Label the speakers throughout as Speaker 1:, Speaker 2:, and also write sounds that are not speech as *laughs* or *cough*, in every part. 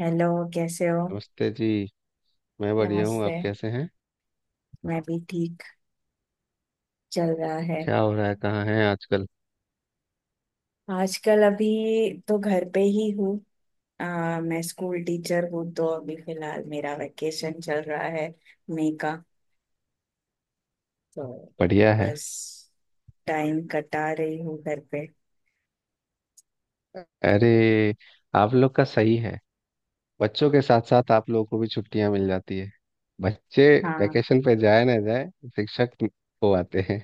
Speaker 1: Hello. कैसे हो।
Speaker 2: नमस्ते जी। मैं बढ़िया हूँ,
Speaker 1: नमस्ते।
Speaker 2: आप कैसे हैं?
Speaker 1: मैं भी ठीक। चल रहा है।
Speaker 2: क्या हो रहा है, कहाँ हैं आजकल?
Speaker 1: आजकल अभी तो घर पे ही हूँ। मैं स्कूल टीचर हूँ तो अभी फिलहाल मेरा वेकेशन चल रहा है, मई का। तो
Speaker 2: बढ़िया है।
Speaker 1: बस टाइम कटा रही हूँ घर पे।
Speaker 2: अरे, आप लोग का सही है। बच्चों के साथ साथ आप लोगों को भी छुट्टियां मिल जाती है। बच्चे
Speaker 1: हाँ।
Speaker 2: वैकेशन पे जाए ना जाए, शिक्षक हो आते हैं।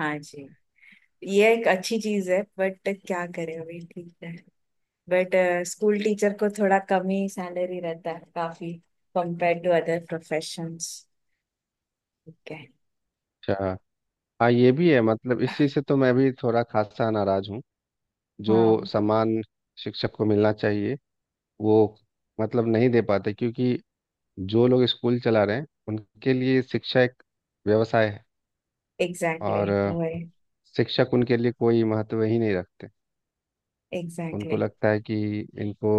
Speaker 1: हाँ जी, ये एक अच्छी चीज है बट क्या करें, अभी ठीक है। बट स्कूल टीचर को थोड़ा कम ही सैलरी रहता है, काफी कंपेयर टू अदर प्रोफेशंस। ठीक है।
Speaker 2: अच्छा। हाँ, ये भी है। मतलब इस चीज़ से तो मैं भी थोड़ा खासा नाराज हूँ। जो
Speaker 1: हाँ,
Speaker 2: सम्मान शिक्षक को मिलना चाहिए, वो मतलब नहीं दे पाते, क्योंकि जो लोग स्कूल चला रहे हैं उनके लिए शिक्षा एक व्यवसाय है।
Speaker 1: एग्जैक्टली
Speaker 2: और
Speaker 1: exactly, वही।
Speaker 2: शिक्षक उनके लिए कोई महत्व ही नहीं रखते।
Speaker 1: एग्जैक्टली
Speaker 2: उनको
Speaker 1: exactly।
Speaker 2: लगता है कि इनको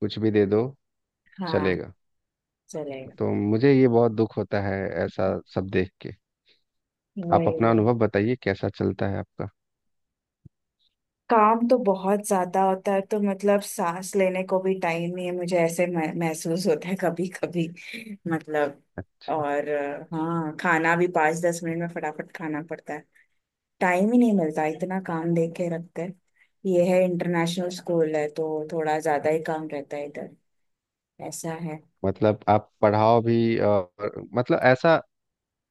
Speaker 2: कुछ भी दे दो,
Speaker 1: हाँ।
Speaker 2: चलेगा।
Speaker 1: चलेगा।
Speaker 2: तो मुझे ये बहुत दुख होता है, ऐसा सब देख के। आप
Speaker 1: वही
Speaker 2: अपना
Speaker 1: वही।
Speaker 2: अनुभव बताइए, कैसा चलता है आपका?
Speaker 1: काम तो बहुत ज्यादा होता है तो मतलब सांस लेने को भी टाइम नहीं है, मुझे ऐसे महसूस होता है कभी कभी। मतलब और हाँ, खाना भी 5-10 मिनट में फटाफट खाना पड़ता है। टाइम ही नहीं मिलता, इतना काम दे के रखते हैं। ये है इंटरनेशनल स्कूल है तो थोड़ा ज्यादा ही काम रहता है इधर। ऐसा है।
Speaker 2: मतलब आप पढ़ाओ भी, और मतलब ऐसा।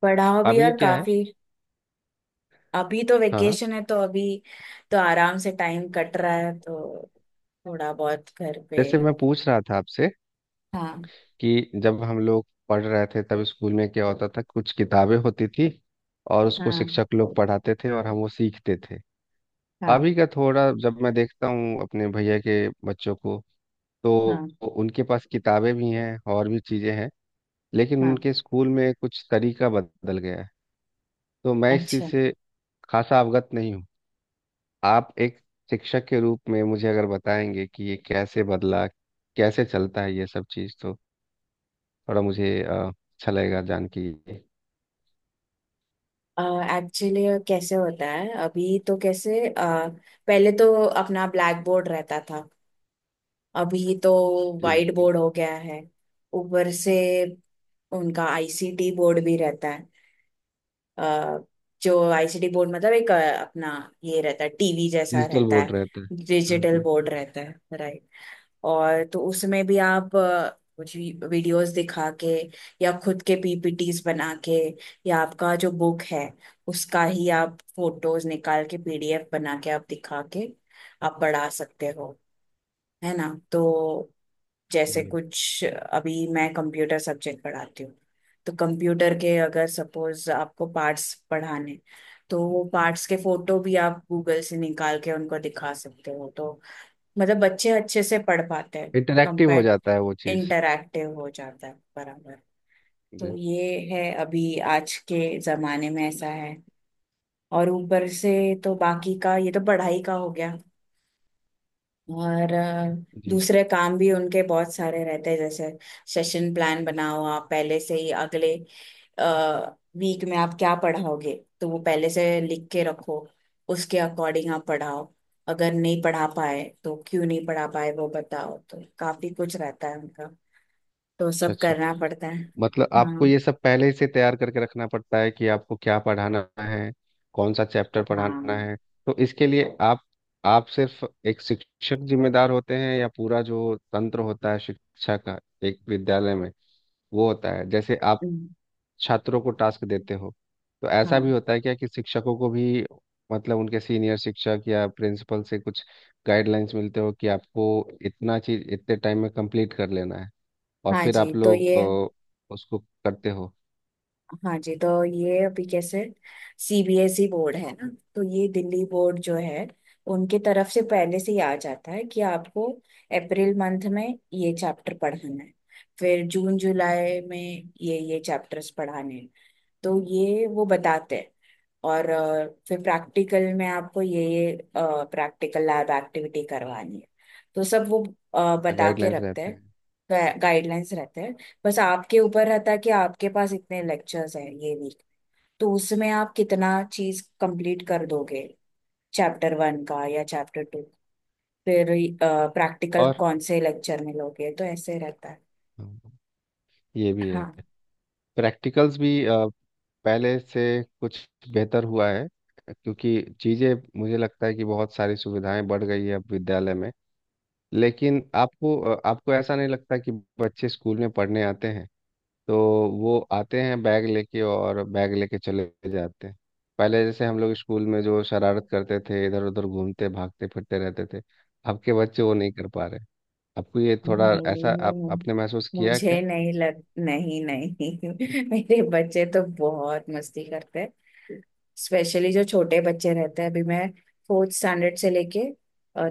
Speaker 1: पढ़ाओ भी
Speaker 2: अभी
Speaker 1: और
Speaker 2: क्या है?
Speaker 1: काफी। अभी तो
Speaker 2: हाँ,
Speaker 1: वेकेशन है तो अभी तो आराम से टाइम कट रहा है तो थोड़ा बहुत घर पे।
Speaker 2: जैसे मैं पूछ रहा था आपसे
Speaker 1: हाँ।
Speaker 2: कि जब हम लोग पढ़ रहे थे तब स्कूल में क्या होता था, कुछ किताबें होती थी और उसको
Speaker 1: हाँ।
Speaker 2: शिक्षक लोग पढ़ाते थे और हम वो सीखते थे।
Speaker 1: हाँ।
Speaker 2: अभी का थोड़ा, जब मैं देखता हूँ अपने भैया के बच्चों को, तो
Speaker 1: हाँ।
Speaker 2: उनके पास किताबें भी हैं और भी चीज़ें हैं, लेकिन
Speaker 1: हाँ।
Speaker 2: उनके स्कूल में कुछ तरीका बदल गया है। तो मैं इस चीज़
Speaker 1: अच्छा।
Speaker 2: से खासा अवगत नहीं हूँ। आप एक शिक्षक के रूप में मुझे अगर बताएंगे कि ये कैसे बदला, कैसे चलता है ये सब चीज़, तो थोड़ा मुझे अच्छा लगेगा जान के ये।
Speaker 1: एक्चुअली कैसे होता है अभी, तो पहले तो अपना ब्लैक बोर्ड रहता था, अभी तो
Speaker 2: जी,
Speaker 1: वाइट
Speaker 2: बिल्कुल।
Speaker 1: बोर्ड हो गया है। ऊपर से उनका आईसीटी बोर्ड भी रहता है। अ, जो आईसीटी बोर्ड मतलब अपना ये रहता है, टीवी जैसा
Speaker 2: डिजिटल
Speaker 1: रहता
Speaker 2: बोर्ड
Speaker 1: है।
Speaker 2: रहता है। हाँ
Speaker 1: डिजिटल
Speaker 2: जी।
Speaker 1: बोर्ड रहता है, राइट। और तो उसमें भी आप कुछ वीडियोस दिखा के या खुद के पीपीटीज बना के या आपका जो बुक है उसका ही आप फोटोज निकाल के पीडीएफ बना के आप दिखा के आप पढ़ा सकते हो, है ना। तो जैसे
Speaker 2: जी।
Speaker 1: कुछ अभी मैं कंप्यूटर सब्जेक्ट पढ़ाती हूँ, तो कंप्यूटर के अगर सपोज आपको पार्ट्स पढ़ाने, तो वो पार्ट्स के फोटो भी आप गूगल से निकाल के उनको दिखा सकते हो, तो मतलब बच्चे अच्छे से पढ़ पाते हैं।
Speaker 2: इंटरेक्टिव हो
Speaker 1: कंपेयर
Speaker 2: जाता है वो चीज़।
Speaker 1: इंटरैक्टिव हो जाता है, बराबर।
Speaker 2: जी।
Speaker 1: तो ये है अभी आज के जमाने में ऐसा है। और ऊपर से तो बाकी का ये तो पढ़ाई का हो गया, और
Speaker 2: जी।
Speaker 1: दूसरे काम भी उनके बहुत सारे रहते हैं, जैसे सेशन प्लान बनाओ, आप पहले से ही अगले वीक में आप क्या पढ़ाओगे तो वो पहले से लिख के रखो, उसके अकॉर्डिंग आप पढ़ाओ, अगर नहीं पढ़ा पाए तो क्यों नहीं पढ़ा पाए वो बताओ, तो काफी कुछ रहता है उनका, तो
Speaker 2: अच्छा
Speaker 1: सब
Speaker 2: अच्छा।
Speaker 1: करना पड़ता है।
Speaker 2: मतलब आपको
Speaker 1: हाँ।
Speaker 2: ये सब पहले से तैयार करके रखना पड़ता है कि आपको क्या पढ़ाना है, कौन सा चैप्टर पढ़ाना
Speaker 1: हाँ।
Speaker 2: है। तो इसके लिए आप सिर्फ एक शिक्षक जिम्मेदार होते हैं, या पूरा जो तंत्र होता है शिक्षा का, एक विद्यालय में, वो होता है? जैसे आप
Speaker 1: हम्म।
Speaker 2: छात्रों को टास्क देते हो, तो ऐसा
Speaker 1: हाँ।
Speaker 2: भी होता है क्या कि शिक्षकों को भी, मतलब उनके सीनियर शिक्षक या प्रिंसिपल से कुछ गाइडलाइंस मिलते हो कि आपको इतना चीज इतने टाइम में कंप्लीट कर लेना है, और
Speaker 1: हाँ
Speaker 2: फिर
Speaker 1: जी
Speaker 2: आप
Speaker 1: तो
Speaker 2: लोग
Speaker 1: ये
Speaker 2: उसको करते हो?
Speaker 1: हाँ जी तो ये अभी कैसे, सीबीएसई बोर्ड है ना, तो ये दिल्ली बोर्ड जो है उनके तरफ से पहले से ही आ जाता है कि आपको अप्रैल मंथ में ये चैप्टर पढ़ाना है, फिर जून जुलाई में ये चैप्टर्स पढ़ाने हैं, तो ये वो बताते हैं। और फिर प्रैक्टिकल में आपको ये प्रैक्टिकल लैब एक्टिविटी करवानी है, तो सब वो बता के
Speaker 2: गाइडलाइंस
Speaker 1: रखते
Speaker 2: रहते
Speaker 1: हैं।
Speaker 2: हैं।
Speaker 1: गाइडलाइंस रहते हैं। बस आपके ऊपर रहता है कि आपके पास इतने लेक्चर्स हैं ये वीक, तो उसमें आप कितना चीज कंप्लीट कर दोगे, चैप्टर 1 का या चैप्टर 2, फिर प्रैक्टिकल
Speaker 2: और
Speaker 1: कौन से लेक्चर में लोगे, तो ऐसे रहता है।
Speaker 2: हाँ, ये भी है।
Speaker 1: हाँ।
Speaker 2: प्रैक्टिकल्स भी पहले से कुछ बेहतर हुआ है, क्योंकि चीज़ें, मुझे लगता है कि बहुत सारी सुविधाएं बढ़ गई है अब विद्यालय में। लेकिन आपको ऐसा नहीं लगता कि बच्चे स्कूल में पढ़ने आते हैं, तो वो आते हैं बैग लेके और बैग लेके चले जाते हैं? पहले जैसे हम लोग स्कूल में जो शरारत करते थे, इधर उधर घूमते भागते फिरते रहते थे, अब के बच्चे वो नहीं कर पा रहे। आपको ये थोड़ा ऐसा, आप
Speaker 1: नहीं,
Speaker 2: आपने महसूस किया क्या?
Speaker 1: मुझे नहीं लग नहीं नहीं *laughs* मेरे बच्चे तो बहुत मस्ती करते हैं। स्पेशली जो छोटे बच्चे रहते हैं, अभी मैं फोर्थ स्टैंडर्ड से लेके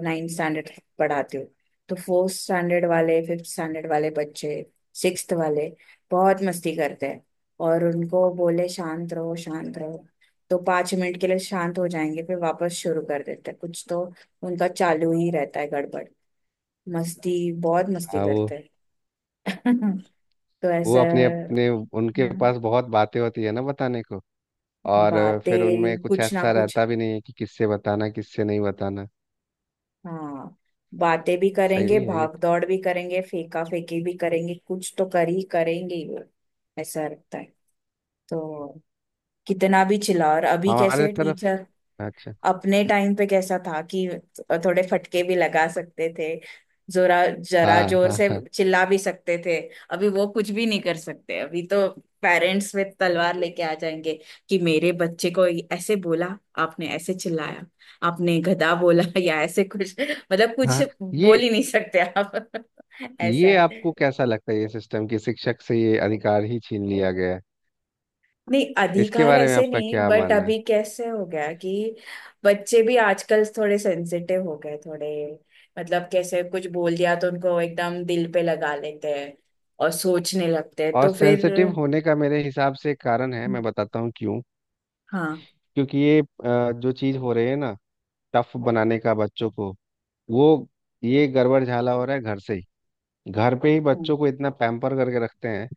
Speaker 1: नाइन्थ स्टैंडर्ड पढ़ाती हूँ, तो फोर्थ स्टैंडर्ड वाले, फिफ्थ स्टैंडर्ड वाले बच्चे, सिक्स्थ वाले बहुत मस्ती करते हैं। और उनको बोले शांत रहो शांत रहो, तो 5 मिनट के लिए शांत हो जाएंगे, फिर वापस शुरू कर देते हैं कुछ तो। उनका चालू ही रहता है, गड़बड़ मस्ती, बहुत मस्ती
Speaker 2: हाँ,
Speaker 1: करते हैं *laughs* तो
Speaker 2: वो
Speaker 1: ऐसा।
Speaker 2: अपने अपने, उनके
Speaker 1: हाँ,
Speaker 2: पास बहुत बातें होती है ना बताने को। और फिर उनमें
Speaker 1: बातें
Speaker 2: कुछ
Speaker 1: कुछ ना
Speaker 2: ऐसा
Speaker 1: कुछ।
Speaker 2: रहता भी नहीं है कि किससे बताना किससे नहीं बताना।
Speaker 1: हाँ, बातें भी करेंगे,
Speaker 2: सही है ये।
Speaker 1: भाग दौड़ भी करेंगे, फेंका फेंकी भी करेंगे, कुछ तो कर ही करेंगे ही वो, ऐसा लगता है। तो कितना भी चिल्ला, और अभी
Speaker 2: हमारे
Speaker 1: कैसे
Speaker 2: तरफ,
Speaker 1: टीचर
Speaker 2: अच्छा।
Speaker 1: अपने टाइम पे कैसा था कि थोड़े फटके भी लगा सकते थे, जोरा जरा
Speaker 2: हाँ
Speaker 1: जोर
Speaker 2: हाँ
Speaker 1: से
Speaker 2: हाँ।
Speaker 1: चिल्ला भी सकते थे, अभी वो कुछ भी नहीं कर सकते। अभी तो पेरेंट्स में तलवार लेके आ जाएंगे कि मेरे बच्चे को ऐसे बोला, आपने ऐसे चिल्लाया, आपने गधा बोला *laughs* या ऐसे कुछ, मतलब कुछ
Speaker 2: हाँ,
Speaker 1: बोल
Speaker 2: ये
Speaker 1: ही नहीं सकते आप *laughs* ऐसा
Speaker 2: ये
Speaker 1: है।
Speaker 2: आपको कैसा लगता है ये सिस्टम, कि शिक्षक से ये अधिकार ही छीन लिया गया है?
Speaker 1: नहीं,
Speaker 2: इसके
Speaker 1: अधिकार
Speaker 2: बारे में
Speaker 1: ऐसे
Speaker 2: आपका
Speaker 1: नहीं,
Speaker 2: क्या
Speaker 1: बट
Speaker 2: मानना है?
Speaker 1: अभी कैसे हो गया कि बच्चे भी आजकल थोड़े सेंसिटिव हो गए, थोड़े मतलब कैसे कुछ बोल दिया तो उनको एकदम दिल पे लगा लेते हैं, और सोचने लगते हैं,
Speaker 2: और
Speaker 1: तो फिर।
Speaker 2: सेंसिटिव होने का मेरे हिसाब से कारण है,
Speaker 1: हम्म।
Speaker 2: मैं बताता हूँ क्यों।
Speaker 1: हाँ।
Speaker 2: क्योंकि ये जो चीज़ हो रही है ना, टफ बनाने का बच्चों को, वो ये गड़बड़ झाला हो रहा है घर से ही। घर पे ही
Speaker 1: हम्म।
Speaker 2: बच्चों को इतना पैम्पर करके रखते हैं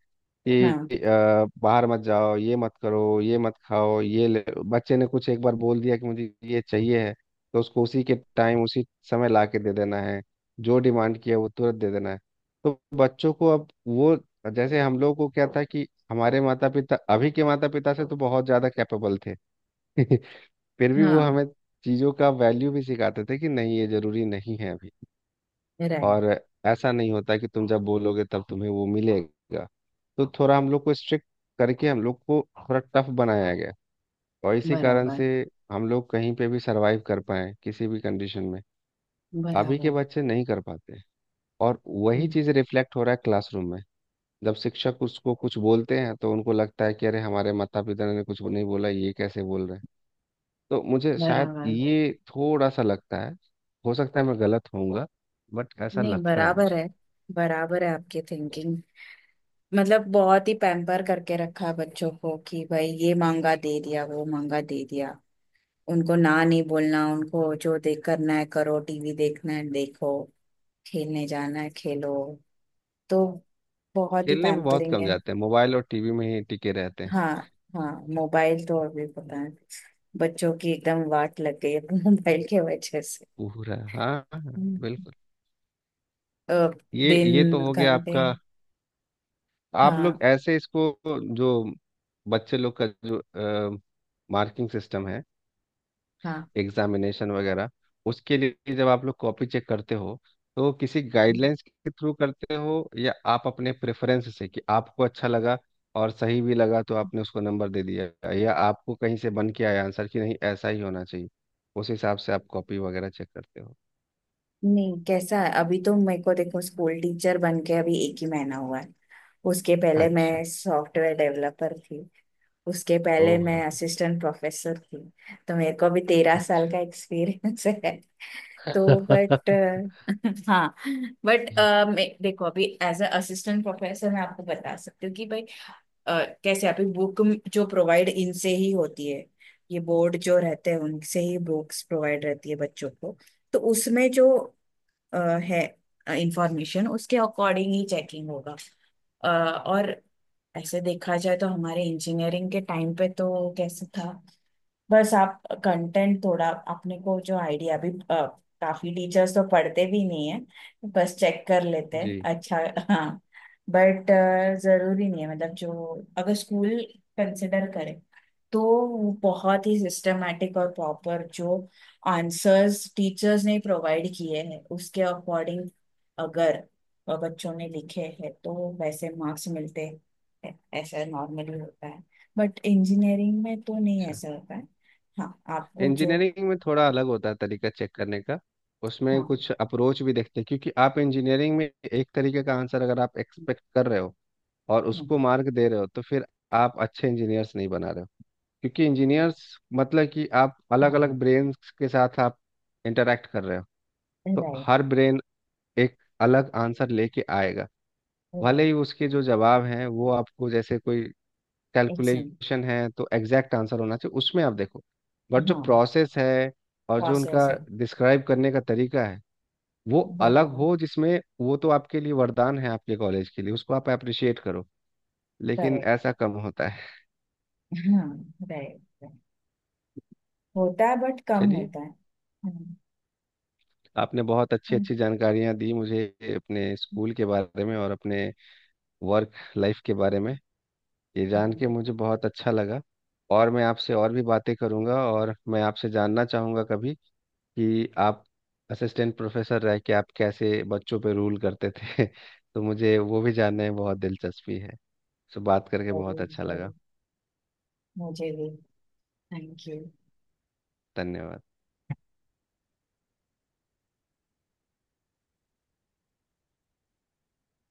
Speaker 2: कि
Speaker 1: हाँ।
Speaker 2: बाहर मत जाओ, ये मत करो, ये मत खाओ, ये ले। बच्चे ने कुछ एक बार बोल दिया कि मुझे ये चाहिए है, तो उसको उसी के टाइम, उसी समय ला के दे देना है। जो डिमांड किया वो तुरंत दे देना है। तो बच्चों को अब वो, जैसे हम लोग को क्या था कि हमारे माता पिता अभी के माता पिता से तो बहुत ज़्यादा कैपेबल थे *laughs* फिर भी वो
Speaker 1: हाँ।
Speaker 2: हमें चीज़ों का वैल्यू भी सिखाते थे कि नहीं, ये ज़रूरी नहीं है।
Speaker 1: राइट।
Speaker 2: और ऐसा नहीं होता कि तुम जब बोलोगे तब तुम्हें वो मिलेगा। तो थोड़ा हम लोग को स्ट्रिक्ट करके, हम लोग को थोड़ा टफ बनाया गया। और इसी कारण
Speaker 1: बराबर।
Speaker 2: से हम लोग कहीं पे भी सरवाइव कर पाए किसी भी कंडीशन में। अभी के
Speaker 1: बराबर।
Speaker 2: बच्चे नहीं कर पाते, और वही
Speaker 1: हम्म।
Speaker 2: चीज़ रिफ्लेक्ट हो रहा है क्लासरूम में। जब शिक्षक उसको कुछ बोलते हैं, तो उनको लगता है कि अरे, हमारे माता पिता ने कुछ नहीं बोला, ये कैसे बोल रहे हैं? तो मुझे शायद
Speaker 1: बराबर।
Speaker 2: ये थोड़ा सा लगता है। हो सकता है मैं गलत होऊंगा, बट ऐसा
Speaker 1: नहीं
Speaker 2: लगता है
Speaker 1: बराबर
Speaker 2: मुझे।
Speaker 1: है, बराबर है आपकी थिंकिंग। मतलब बहुत ही पैम्पर करके रखा है बच्चों को, कि भाई ये मांगा दे दिया, वो मांगा दे दिया, उनको ना नहीं बोलना, उनको जो देख करना है करो, टीवी देखना है देखो, खेलने जाना है खेलो, तो बहुत ही
Speaker 2: खेलने पे बहुत
Speaker 1: पैम्परिंग
Speaker 2: कम
Speaker 1: है।
Speaker 2: जाते हैं, मोबाइल और टीवी में ही टिके रहते हैं।
Speaker 1: हाँ। हाँ, मोबाइल तो अभी पता है, बच्चों की एकदम वाट लग गई है *laughs* मोबाइल के वजह से।
Speaker 2: पूरा, हाँ हाँ,
Speaker 1: हम्म।
Speaker 2: बिल्कुल।
Speaker 1: अ,
Speaker 2: ये तो
Speaker 1: दिन
Speaker 2: हो गया
Speaker 1: घंटे।
Speaker 2: आपका। आप
Speaker 1: हाँ।
Speaker 2: लोग ऐसे इसको, जो बच्चे लोग का जो मार्किंग सिस्टम है,
Speaker 1: हाँ,
Speaker 2: एग्जामिनेशन वगैरह, उसके लिए जब आप लोग कॉपी चेक करते हो, तो किसी गाइडलाइंस के थ्रू करते हो, या आप अपने प्रेफरेंस से कि आपको अच्छा लगा और सही भी लगा तो आपने उसको नंबर दे दिया, या आपको कहीं से बन के आया आंसर कि नहीं, ऐसा ही होना चाहिए, उस हिसाब से आप कॉपी वगैरह चेक करते हो?
Speaker 1: नहीं कैसा है अभी तो, मेरे को देखो स्कूल टीचर बन के अभी एक ही महीना हुआ है, उसके पहले
Speaker 2: अच्छा।
Speaker 1: मैं सॉफ्टवेयर डेवलपर थी, उसके पहले
Speaker 2: ओह।
Speaker 1: मैं असिस्टेंट प्रोफेसर थी, तो मेरे को अभी 13 साल
Speaker 2: अच्छा।
Speaker 1: का एक्सपीरियंस है, तो बट *laughs* हाँ, बट
Speaker 2: *laughs*
Speaker 1: मैं देखो अभी एज अ असिस्टेंट प्रोफेसर मैं आपको बता सकती हूँ कि भाई कैसे अभी बुक जो प्रोवाइड इनसे ही होती है, ये बोर्ड जो रहते हैं उनसे ही बुक्स प्रोवाइड रहती है बच्चों को, तो उसमें जो अ, है इंफॉर्मेशन उसके अकॉर्डिंग ही चेकिंग होगा। और ऐसे देखा जाए तो हमारे इंजीनियरिंग के टाइम पे तो कैसे था, बस आप कंटेंट थोड़ा अपने को जो आइडिया भी काफी टीचर्स तो पढ़ते भी नहीं है, बस चेक कर लेते हैं।
Speaker 2: जी।
Speaker 1: अच्छा। हाँ, बट जरूरी नहीं है, मतलब जो, अगर स्कूल कंसिडर करें, तो वो बहुत ही सिस्टमेटिक और प्रॉपर जो आंसर्स टीचर्स ने प्रोवाइड किए हैं उसके अकॉर्डिंग अगर बच्चों ने लिखे हैं तो वैसे मार्क्स मिलते हैं, ऐसा नॉर्मली होता है, बट इंजीनियरिंग में तो नहीं
Speaker 2: अच्छा,
Speaker 1: ऐसा होता है। हाँ। आपको जो,
Speaker 2: इंजीनियरिंग में थोड़ा अलग होता है तरीका चेक करने का। उसमें
Speaker 1: हाँ,
Speaker 2: कुछ अप्रोच भी देखते हैं, क्योंकि आप इंजीनियरिंग में एक तरीके का आंसर अगर आप एक्सपेक्ट कर रहे हो और
Speaker 1: हाँ,
Speaker 2: उसको मार्क दे रहे हो, तो फिर आप अच्छे इंजीनियर्स नहीं बना रहे हो। क्योंकि इंजीनियर्स, मतलब कि आप अलग
Speaker 1: हाँ,
Speaker 2: अलग ब्रेन के साथ आप इंटरेक्ट कर रहे हो, तो
Speaker 1: राइट,
Speaker 2: हर ब्रेन एक अलग आंसर लेके आएगा। भले ही
Speaker 1: राइट,
Speaker 2: उसके जो जवाब हैं वो आपको, जैसे कोई
Speaker 1: एक्शन
Speaker 2: कैलकुलेशन है तो एग्जैक्ट आंसर होना चाहिए, उसमें आप देखो, बट जो
Speaker 1: हाँ,
Speaker 2: प्रोसेस है और जो
Speaker 1: प्रोसेस
Speaker 2: उनका
Speaker 1: है,
Speaker 2: डिस्क्राइब करने का तरीका है, वो अलग
Speaker 1: बराबर,
Speaker 2: हो जिसमें, वो तो आपके लिए वरदान है, आपके कॉलेज के लिए, उसको आप अप्रिशिएट करो। लेकिन
Speaker 1: करेक्ट।
Speaker 2: ऐसा कम होता है।
Speaker 1: हाँ, राइट राइट, होता है बट कम
Speaker 2: चलिए,
Speaker 1: होता है। हाँ।
Speaker 2: आपने बहुत अच्छी
Speaker 1: हाँ।
Speaker 2: अच्छी जानकारियां दी मुझे, अपने स्कूल के बारे में और अपने वर्क लाइफ के बारे में। ये जान के
Speaker 1: हाँ,
Speaker 2: मुझे बहुत अच्छा लगा। और मैं आपसे और भी बातें करूंगा, और मैं आपसे जानना चाहूंगा कभी कि आप असिस्टेंट प्रोफेसर रह के आप कैसे बच्चों पे रूल करते थे *laughs* तो मुझे वो भी जानने में बहुत दिलचस्पी है। सो बात करके बहुत
Speaker 1: जरूर
Speaker 2: अच्छा लगा।
Speaker 1: जरूर, मुझे भी, थैंक यू।
Speaker 2: धन्यवाद।